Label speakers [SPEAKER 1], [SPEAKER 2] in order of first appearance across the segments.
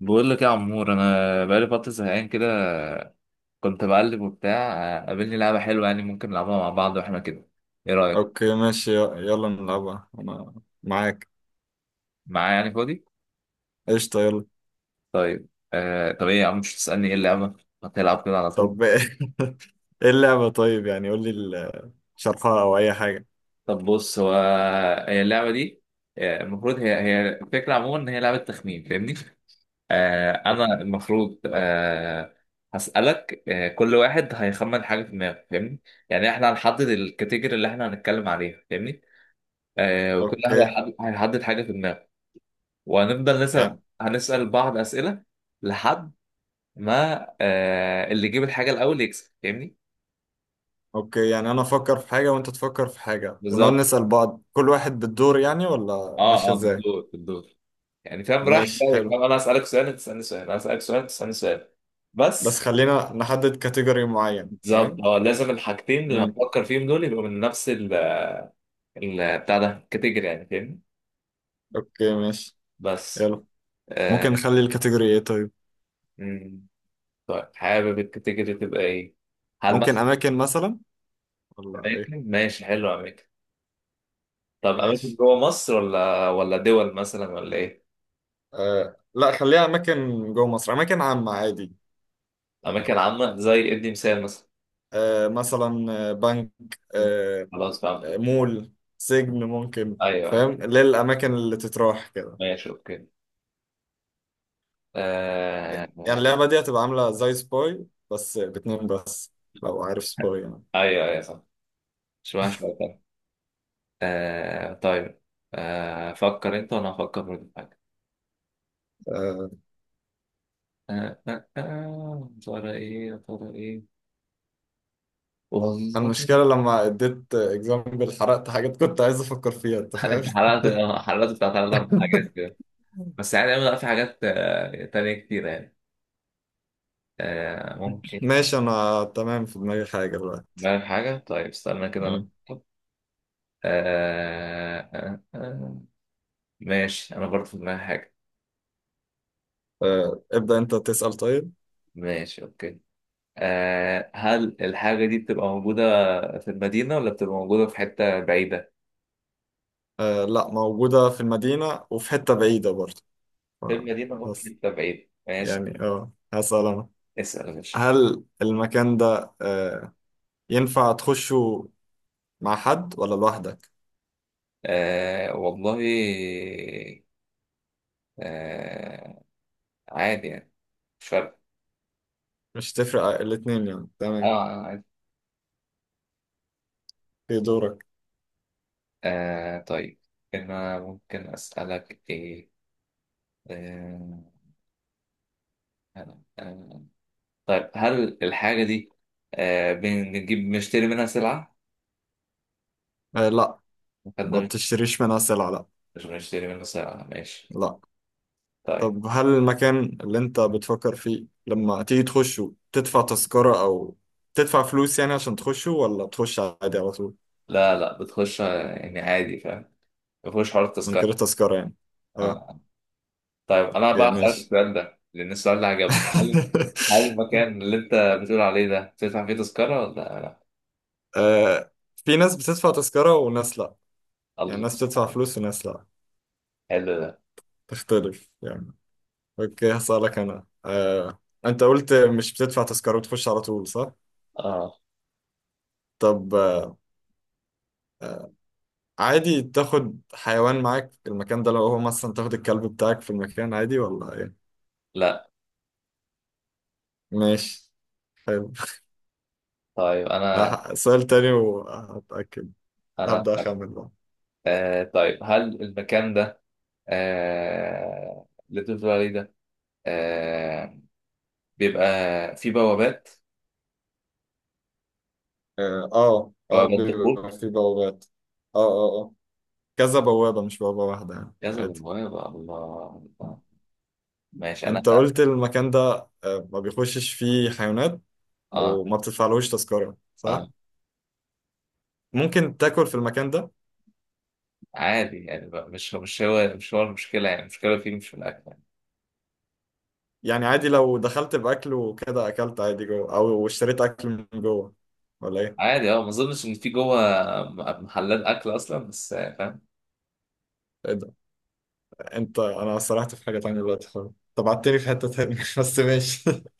[SPEAKER 1] بقول لك يا عمور، انا بقالي فتره زهقان كده. كنت بقلب وبتاع قابلني لعبه حلوه، يعني ممكن نلعبها مع بعض واحنا كده. ايه رايك؟
[SPEAKER 2] اوكي ماشي يلا نلعبها. انا معاك.
[SPEAKER 1] معايا يعني فاضي.
[SPEAKER 2] قشطة يلا.
[SPEAKER 1] طيب طب ايه يا عم، مش تسالني ايه اللعبه؟ هتلعب كده على طول؟
[SPEAKER 2] طب ايه اللعبة؟ طيب يعني قول لي شرحها او اي حاجة.
[SPEAKER 1] طب بص، هو هي اللعبه دي، المفروض هي الفكره عموما ان هي لعبه تخمين، فاهمني؟
[SPEAKER 2] أوك-
[SPEAKER 1] انا المفروض، هسالك، كل واحد هيخمن حاجه في دماغه، فاهمني؟ يعني احنا هنحدد الكاتيجوري اللي احنا هنتكلم عليها، فاهمني؟ وكل واحد
[SPEAKER 2] اوكي
[SPEAKER 1] هيحدد حاجة في دماغه. وهنفضل
[SPEAKER 2] يعني
[SPEAKER 1] هنسأل بعض أسئلة، لحد ما، اللي يجيب الحاجة الأول يكسب، فاهمني؟
[SPEAKER 2] اوكي، يعني انا افكر في حاجة وانت تفكر في حاجة ونقعد
[SPEAKER 1] بالظبط.
[SPEAKER 2] نسأل بعض، كل واحد بالدور يعني، ولا
[SPEAKER 1] اه،
[SPEAKER 2] ماشية
[SPEAKER 1] اه،
[SPEAKER 2] ازاي؟
[SPEAKER 1] بالدور بالدور. يعني فاهم، راح
[SPEAKER 2] ماشي
[SPEAKER 1] جاي،
[SPEAKER 2] حلو.
[SPEAKER 1] فاهم؟ أنا أسألك سؤال، أنت تسألني سؤال، أنا أسألك سؤال، أنت تسألني سؤال
[SPEAKER 2] بس
[SPEAKER 1] بس.
[SPEAKER 2] خلينا نحدد كاتيجوري معين
[SPEAKER 1] بالظبط،
[SPEAKER 2] فاهم.
[SPEAKER 1] اه، لازم الحاجتين اللي
[SPEAKER 2] امم
[SPEAKER 1] هنفكر فيهم دول يبقوا من نفس ال، بتاع ده، الكاتيجوري يعني، فاهمني؟
[SPEAKER 2] اوكي ماشي
[SPEAKER 1] بس
[SPEAKER 2] يلا. ممكن
[SPEAKER 1] آه
[SPEAKER 2] نخلي الكاتيجوري ايه طيب؟
[SPEAKER 1] مم. طيب، حابب الكاتيجوري تبقى إيه؟ هل
[SPEAKER 2] ممكن
[SPEAKER 1] مثلا
[SPEAKER 2] اماكن مثلا، ولا ايه؟
[SPEAKER 1] أماكن؟ ماشي، حلو، أماكن. طب اماكن
[SPEAKER 2] ماشي.
[SPEAKER 1] جوه مصر، ولا دول مثلا، ولا ايه؟
[SPEAKER 2] آه لا، خليها اماكن جوه مصر، اماكن عامه عادي يعني.
[SPEAKER 1] اماكن عامه، زي ادي مثال مثلا.
[SPEAKER 2] آه مثلا، بنك، آه
[SPEAKER 1] خلاص فهمتك.
[SPEAKER 2] مول، سجن ممكن،
[SPEAKER 1] ايوه،
[SPEAKER 2] فاهم؟
[SPEAKER 1] ايوه،
[SPEAKER 2] اللي هي الاماكن اللي تتراح كده.
[SPEAKER 1] ماشي، اوكي. آه...
[SPEAKER 2] يعني
[SPEAKER 1] آه،
[SPEAKER 2] اللعبه دي هتبقى عامله زي سباي، بس باتنين بس، لو عارف سباي يعني.
[SPEAKER 1] ايوه، ايوه، صح. مش معنى شويه تاني. طيب. فكر انت، وانا هفكر برضه في حاجه.
[SPEAKER 2] آه
[SPEAKER 1] يا ترى ايه، يا ترى ايه.
[SPEAKER 2] أنا
[SPEAKER 1] والله
[SPEAKER 2] المشكله لما اديت اكزامبل حرقت حاجات كنت عايز افكر فيها، انت فاهم.
[SPEAKER 1] انت حرقت، حرقت بتاع ثلاث اربع حاجات كده. بس يعني أنا في حاجات تانية كتير يعني. ممكن.
[SPEAKER 2] ماشي انا تمام، في دماغي حاجه دلوقتي.
[SPEAKER 1] بالك حاجه، طيب استنى كده انا.
[SPEAKER 2] مم.
[SPEAKER 1] آه آه آه ماشي، أنا برضه في دماغي حاجة.
[SPEAKER 2] آه ابدا انت تسال طيب.
[SPEAKER 1] ماشي، أوكي. هل الحاجة دي بتبقى موجودة في المدينة، ولا بتبقى موجودة في حتة بعيدة؟
[SPEAKER 2] آه لا، موجودة في المدينة وفي حتة بعيدة برضه. ف-
[SPEAKER 1] في المدينة ولا في
[SPEAKER 2] بس
[SPEAKER 1] حتة بعيدة، ماشي.
[SPEAKER 2] يعني اه هسأل أنا.
[SPEAKER 1] اسأل يا باشا.
[SPEAKER 2] هل المكان ده ينفع تخشه مع حد ولا لوحدك؟
[SPEAKER 1] والله. آه عادي يعني، مش فارقة.
[SPEAKER 2] مش تفرق الاتنين يعني،
[SPEAKER 1] آه
[SPEAKER 2] تمام.
[SPEAKER 1] عادي.
[SPEAKER 2] في دورك.
[SPEAKER 1] طيب، أنا ممكن أسألك إيه؟ آه آه آه. طيب، هل الحاجة دي، بنجيب، بنشتري منها سلعة؟
[SPEAKER 2] آه لا، ما
[SPEAKER 1] حد.
[SPEAKER 2] بتشتريش منها سلع لا
[SPEAKER 1] مش بنشتري منه ساعة، ماشي.
[SPEAKER 2] لا.
[SPEAKER 1] طيب.
[SPEAKER 2] طب هل المكان اللي انت بتفكر فيه لما تيجي تخشه تدفع تذكرة أو تدفع فلوس يعني عشان تخشه، ولا تخش عادي على طول؟
[SPEAKER 1] لا، لا، بتخش يعني عادي، فاهم. مفيهوش حوار
[SPEAKER 2] من
[SPEAKER 1] التذكرة.
[SPEAKER 2] غير تذكرة يعني؟ اه.
[SPEAKER 1] آه. طيب، أنا
[SPEAKER 2] اوكي
[SPEAKER 1] بقى هسألك
[SPEAKER 2] ماشي.
[SPEAKER 1] السؤال ده، لأن السؤال ده عجبني. هل، هل المكان اللي أنت بتقول عليه ده تدفع فيه تذكرة، ولا لا؟
[SPEAKER 2] آه، في ناس بتدفع تذكرة وناس لأ، يعني
[SPEAKER 1] الله،
[SPEAKER 2] ناس بتدفع فلوس وناس لأ،
[SPEAKER 1] حلو ده.
[SPEAKER 2] تختلف يعني. أوكي هسألك أنا، أنت قلت مش بتدفع تذكرة وتخش على طول، صح؟
[SPEAKER 1] آه
[SPEAKER 2] طب آه، عادي تاخد حيوان معاك في المكان ده؟ لو هو مثلا تاخد الكلب بتاعك في المكان، عادي ولا إيه؟
[SPEAKER 1] لا.
[SPEAKER 2] ماشي حلو.
[SPEAKER 1] طيب. أنا
[SPEAKER 2] سؤال تاني وهتأكد.
[SPEAKER 1] أنا
[SPEAKER 2] هبدأ
[SPEAKER 1] هسألك.
[SPEAKER 2] أخمن بقى.
[SPEAKER 1] طيب، هل المكان ده، اللي أنت بتقول عليه ده، آه بيبقى فيه بوابات، بوابات دخول.
[SPEAKER 2] بيبقى في بوابات. آه آه آه كذا بوابة مش بوابة واحدة يعني،
[SPEAKER 1] كذا
[SPEAKER 2] عادي.
[SPEAKER 1] بوابة، الله، ماشي انا.
[SPEAKER 2] انت قلت المكان ده ما بيخشش فيه حيوانات
[SPEAKER 1] اه،
[SPEAKER 2] وما بتدفعلوش تذكرة، صح؟
[SPEAKER 1] اه،
[SPEAKER 2] ممكن تاكل في المكان ده؟
[SPEAKER 1] عادي يعني بقى. مش هو، مش هو المشكله، يعني المشكله فيه مش في الاكل يعني.
[SPEAKER 2] يعني عادي لو دخلت بأكل وكده أكلت عادي جوه، أو اشتريت أكل من جوه ولا إيه؟
[SPEAKER 1] عادي، اه. ما اظنش ان في جوه محلات اكل اصلا، بس فاهم.
[SPEAKER 2] إيه ده؟ أنت أنا سرحت في حاجة تانية دلوقتي خالص، طب عدتني في حتة تانية بس ماشي.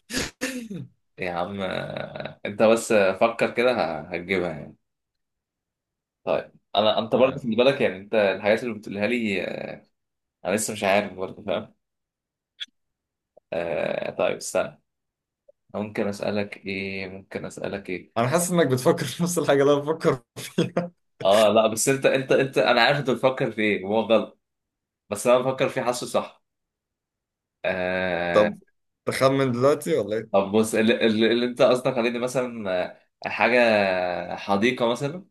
[SPEAKER 1] يا عم انت بس، فكر كده هتجيبها يعني. طيب انا، انت برضه
[SPEAKER 2] آه،
[SPEAKER 1] خلي بالك يعني، انت الحاجات اللي بتقولها لي، انا لسه مش عارف برضه، فاهم؟ طيب استنى. ممكن اسالك ايه، ممكن اسالك ايه.
[SPEAKER 2] أنا حاسس إنك بتفكر في نفس الحاجة اللي أنا بفكر فيها.
[SPEAKER 1] اه، لا، بس انت انت، انا عارف انت بتفكر في ايه، هو غلط. بس انا بفكر فيه، حاسه صح. آه
[SPEAKER 2] طب تخمن دلوقتي ولا إيه؟
[SPEAKER 1] طب بص، اللي انت قصدك عليه دي مثلا، حاجة حديقة مثلا.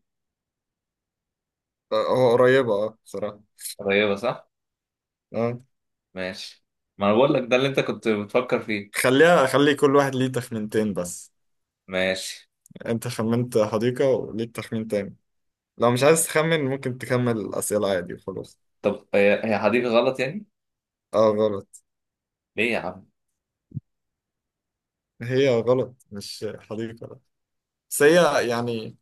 [SPEAKER 2] هو قريبة أه بصراحة.
[SPEAKER 1] قريبة صح؟
[SPEAKER 2] أه.
[SPEAKER 1] ماشي. ما انا بقول لك، ده اللي انت كنت بتفكر فيه.
[SPEAKER 2] خليها، خلي كل واحد ليه تخمينتين بس.
[SPEAKER 1] ماشي. ماشي.
[SPEAKER 2] انت خمنت حديقة وليك تخمين تاني، لو مش عايز تخمن ممكن تكمل الأسئلة عادي وخلاص.
[SPEAKER 1] طب هي حديقة غلط يعني؟
[SPEAKER 2] اه غلط.
[SPEAKER 1] ليه يا عم؟
[SPEAKER 2] هي غلط مش حديقة لا. بس هي يعني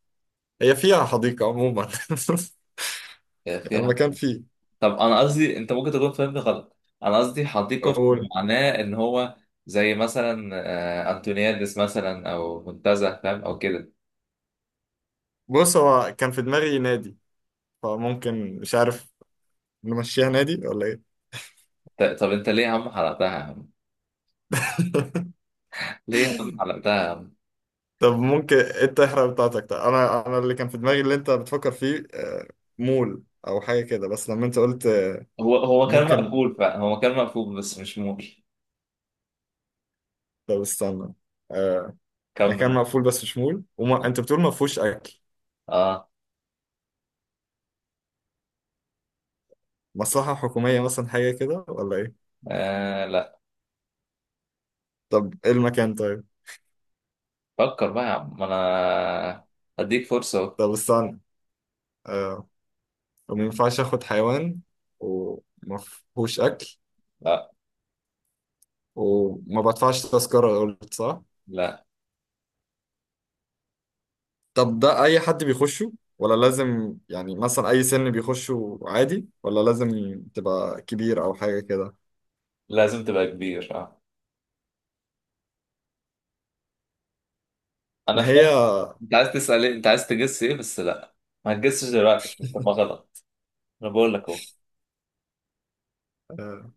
[SPEAKER 2] هي فيها حديقة عموما.
[SPEAKER 1] هي فيها.
[SPEAKER 2] المكان فيه.
[SPEAKER 1] طب انا قصدي، انت ممكن تكون فاهمني غلط. انا قصدي حديقة في
[SPEAKER 2] قول.
[SPEAKER 1] معناه ان هو، زي مثلا انتونيادس مثلا، او منتزه فاهم، او كده.
[SPEAKER 2] بص هو كان في دماغي نادي، فممكن مش عارف نمشيها نادي ولا ايه.
[SPEAKER 1] طب انت ليه يا عم حرقتها يا عم؟ ليه يا عم حرقتها يا عم؟
[SPEAKER 2] طب ممكن انت احرق بتاعتك. طب انا، اللي كان في دماغي اللي انت بتفكر فيه مول او حاجة كده، بس لما انت قلت
[SPEAKER 1] هو كان
[SPEAKER 2] ممكن.
[SPEAKER 1] مقفول فعلا، هو كان مقفول، بس مش مول.
[SPEAKER 2] طب استنى، آه، مكان
[SPEAKER 1] كمل.
[SPEAKER 2] مقفول بس شمول
[SPEAKER 1] آه.
[SPEAKER 2] انت بتقول ما فيهوش اكل. مصلحة حكومية مثلا، حاجة كده ولا ايه؟
[SPEAKER 1] اه، لا.
[SPEAKER 2] طب ايه المكان طيب؟
[SPEAKER 1] فكر بقى يا عم، ما انا هديك فرصة أهو.
[SPEAKER 2] طب استنى آه وما ينفعش اخد حيوان وما فيهوش اكل
[SPEAKER 1] لا،
[SPEAKER 2] وما بدفعش تذكرة قلت، صح؟
[SPEAKER 1] لا،
[SPEAKER 2] طب ده اي حد بيخشه ولا لازم يعني مثلا اي سن بيخشه عادي، ولا لازم تبقى كبير او حاجة كده؟
[SPEAKER 1] لازم تبقى كبير، اه. انا
[SPEAKER 2] ما هي
[SPEAKER 1] فاهم. انت عايز تسأل ايه، انت عايز تجس ايه، بس لا. ما هتجسش دلوقتي عشان تبقى غلط. انا بقول لك اهو.
[SPEAKER 2] آه،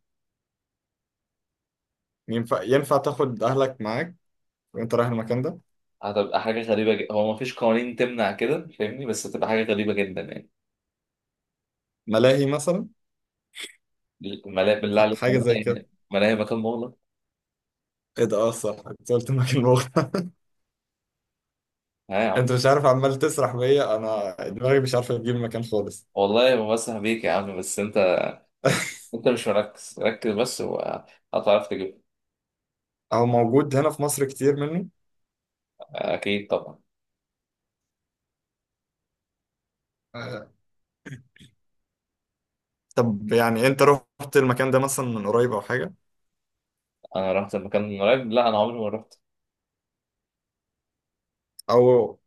[SPEAKER 2] ينفع ينفع تاخد اهلك معاك وانت رايح المكان ده؟
[SPEAKER 1] هتبقى حاجة غريبة جدا، هو ما فيش قوانين تمنع كده فاهمني، بس هتبقى حاجة غريبة جدا يعني.
[SPEAKER 2] ملاهي مثلا،
[SPEAKER 1] ملاهي، بالله عليك،
[SPEAKER 2] حاجة زي كده؟
[SPEAKER 1] ملاهي. ملاهي مكان مغلق.
[SPEAKER 2] ايه ده؟ اه صح، انت قلت مكان مغلق.
[SPEAKER 1] ها يا عم.
[SPEAKER 2] انت مش عارف، عمال تسرح بيا، انا دماغي مش عارفه تجيب مكان خالص.
[SPEAKER 1] والله ما بمسح بيك يا عم، بس انت، انت مش مركز. ركز بس وهتعرف تجيب.
[SPEAKER 2] هو موجود هنا في مصر كتير منه.
[SPEAKER 1] اكيد طبعا.
[SPEAKER 2] آه، طب يعني انت رحت المكان ده مثلا من قريب او حاجه؟
[SPEAKER 1] انا رحت المكان من قريب؟ لا، انا عمري ما رحت.
[SPEAKER 2] او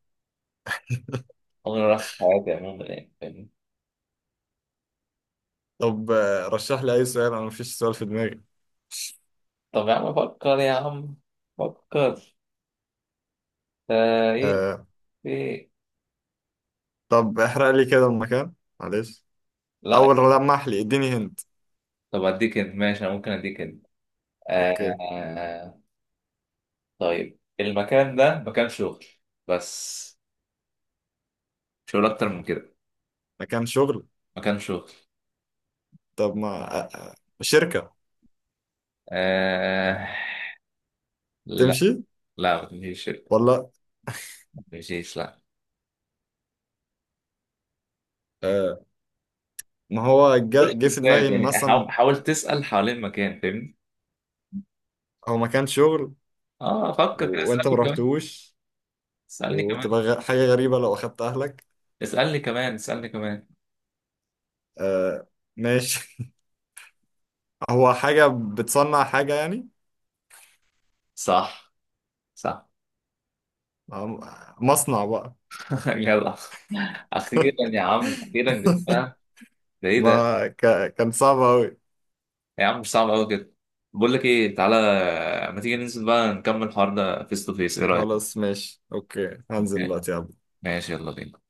[SPEAKER 1] عمري ما رحت في حياتي عموما يعني فاهمني.
[SPEAKER 2] طب رشح لي اي سؤال، انا مفيش سؤال في دماغي.
[SPEAKER 1] طب يا عم فكر يا عم، فكر. ايه،
[SPEAKER 2] آه،
[SPEAKER 1] ايه.
[SPEAKER 2] طب احرق لي كده المكان، معلش.
[SPEAKER 1] لا.
[SPEAKER 2] اول لمح لي اديني هنت.
[SPEAKER 1] طب اديك انت، ماشي، انا ممكن اديك انت.
[SPEAKER 2] اوكي.
[SPEAKER 1] آه آه، طيب، المكان ده مكان شغل بس، مش هقول اكتر من كده.
[SPEAKER 2] مكان شغل؟
[SPEAKER 1] مكان شغل.
[SPEAKER 2] طب ما آه، آه، شركه
[SPEAKER 1] آه لا.
[SPEAKER 2] تمشي
[SPEAKER 1] لا، مفيش.
[SPEAKER 2] ولا؟
[SPEAKER 1] مفيش، لا.
[SPEAKER 2] آه، ما هو
[SPEAKER 1] قول
[SPEAKER 2] جه في دماغي
[SPEAKER 1] حسات
[SPEAKER 2] إن
[SPEAKER 1] يعني، حاول
[SPEAKER 2] مثلا
[SPEAKER 1] حاول تسأل حوالين المكان فاهمني.
[SPEAKER 2] هو مكان شغل
[SPEAKER 1] اه، فكر كده،
[SPEAKER 2] وانت ما
[SPEAKER 1] اسألني كمان.
[SPEAKER 2] رحتوش،
[SPEAKER 1] اسألني كمان.
[SPEAKER 2] وتبقى حاجة غريبة لو اخدت اهلك.
[SPEAKER 1] اسألني كمان، اسألني كمان.
[SPEAKER 2] آه ماشي. هو حاجة بتصنع حاجة يعني؟
[SPEAKER 1] صح، صح.
[SPEAKER 2] مصنع بقى.
[SPEAKER 1] يلا، اخيرا يا عم، اخيرا جبناها. ده ايه ده؟
[SPEAKER 2] ما كان صعب أوي.
[SPEAKER 1] يا عم مش صعب قوي كده. بقول لك ايه، تعالى، ما تيجي ننزل بقى نكمل الحوار ده فيس تو فيس، ايه رايك؟
[SPEAKER 2] خلاص ماشي اوكي، هنزل دلوقتي يلا.
[SPEAKER 1] ماشي، يلا بينا.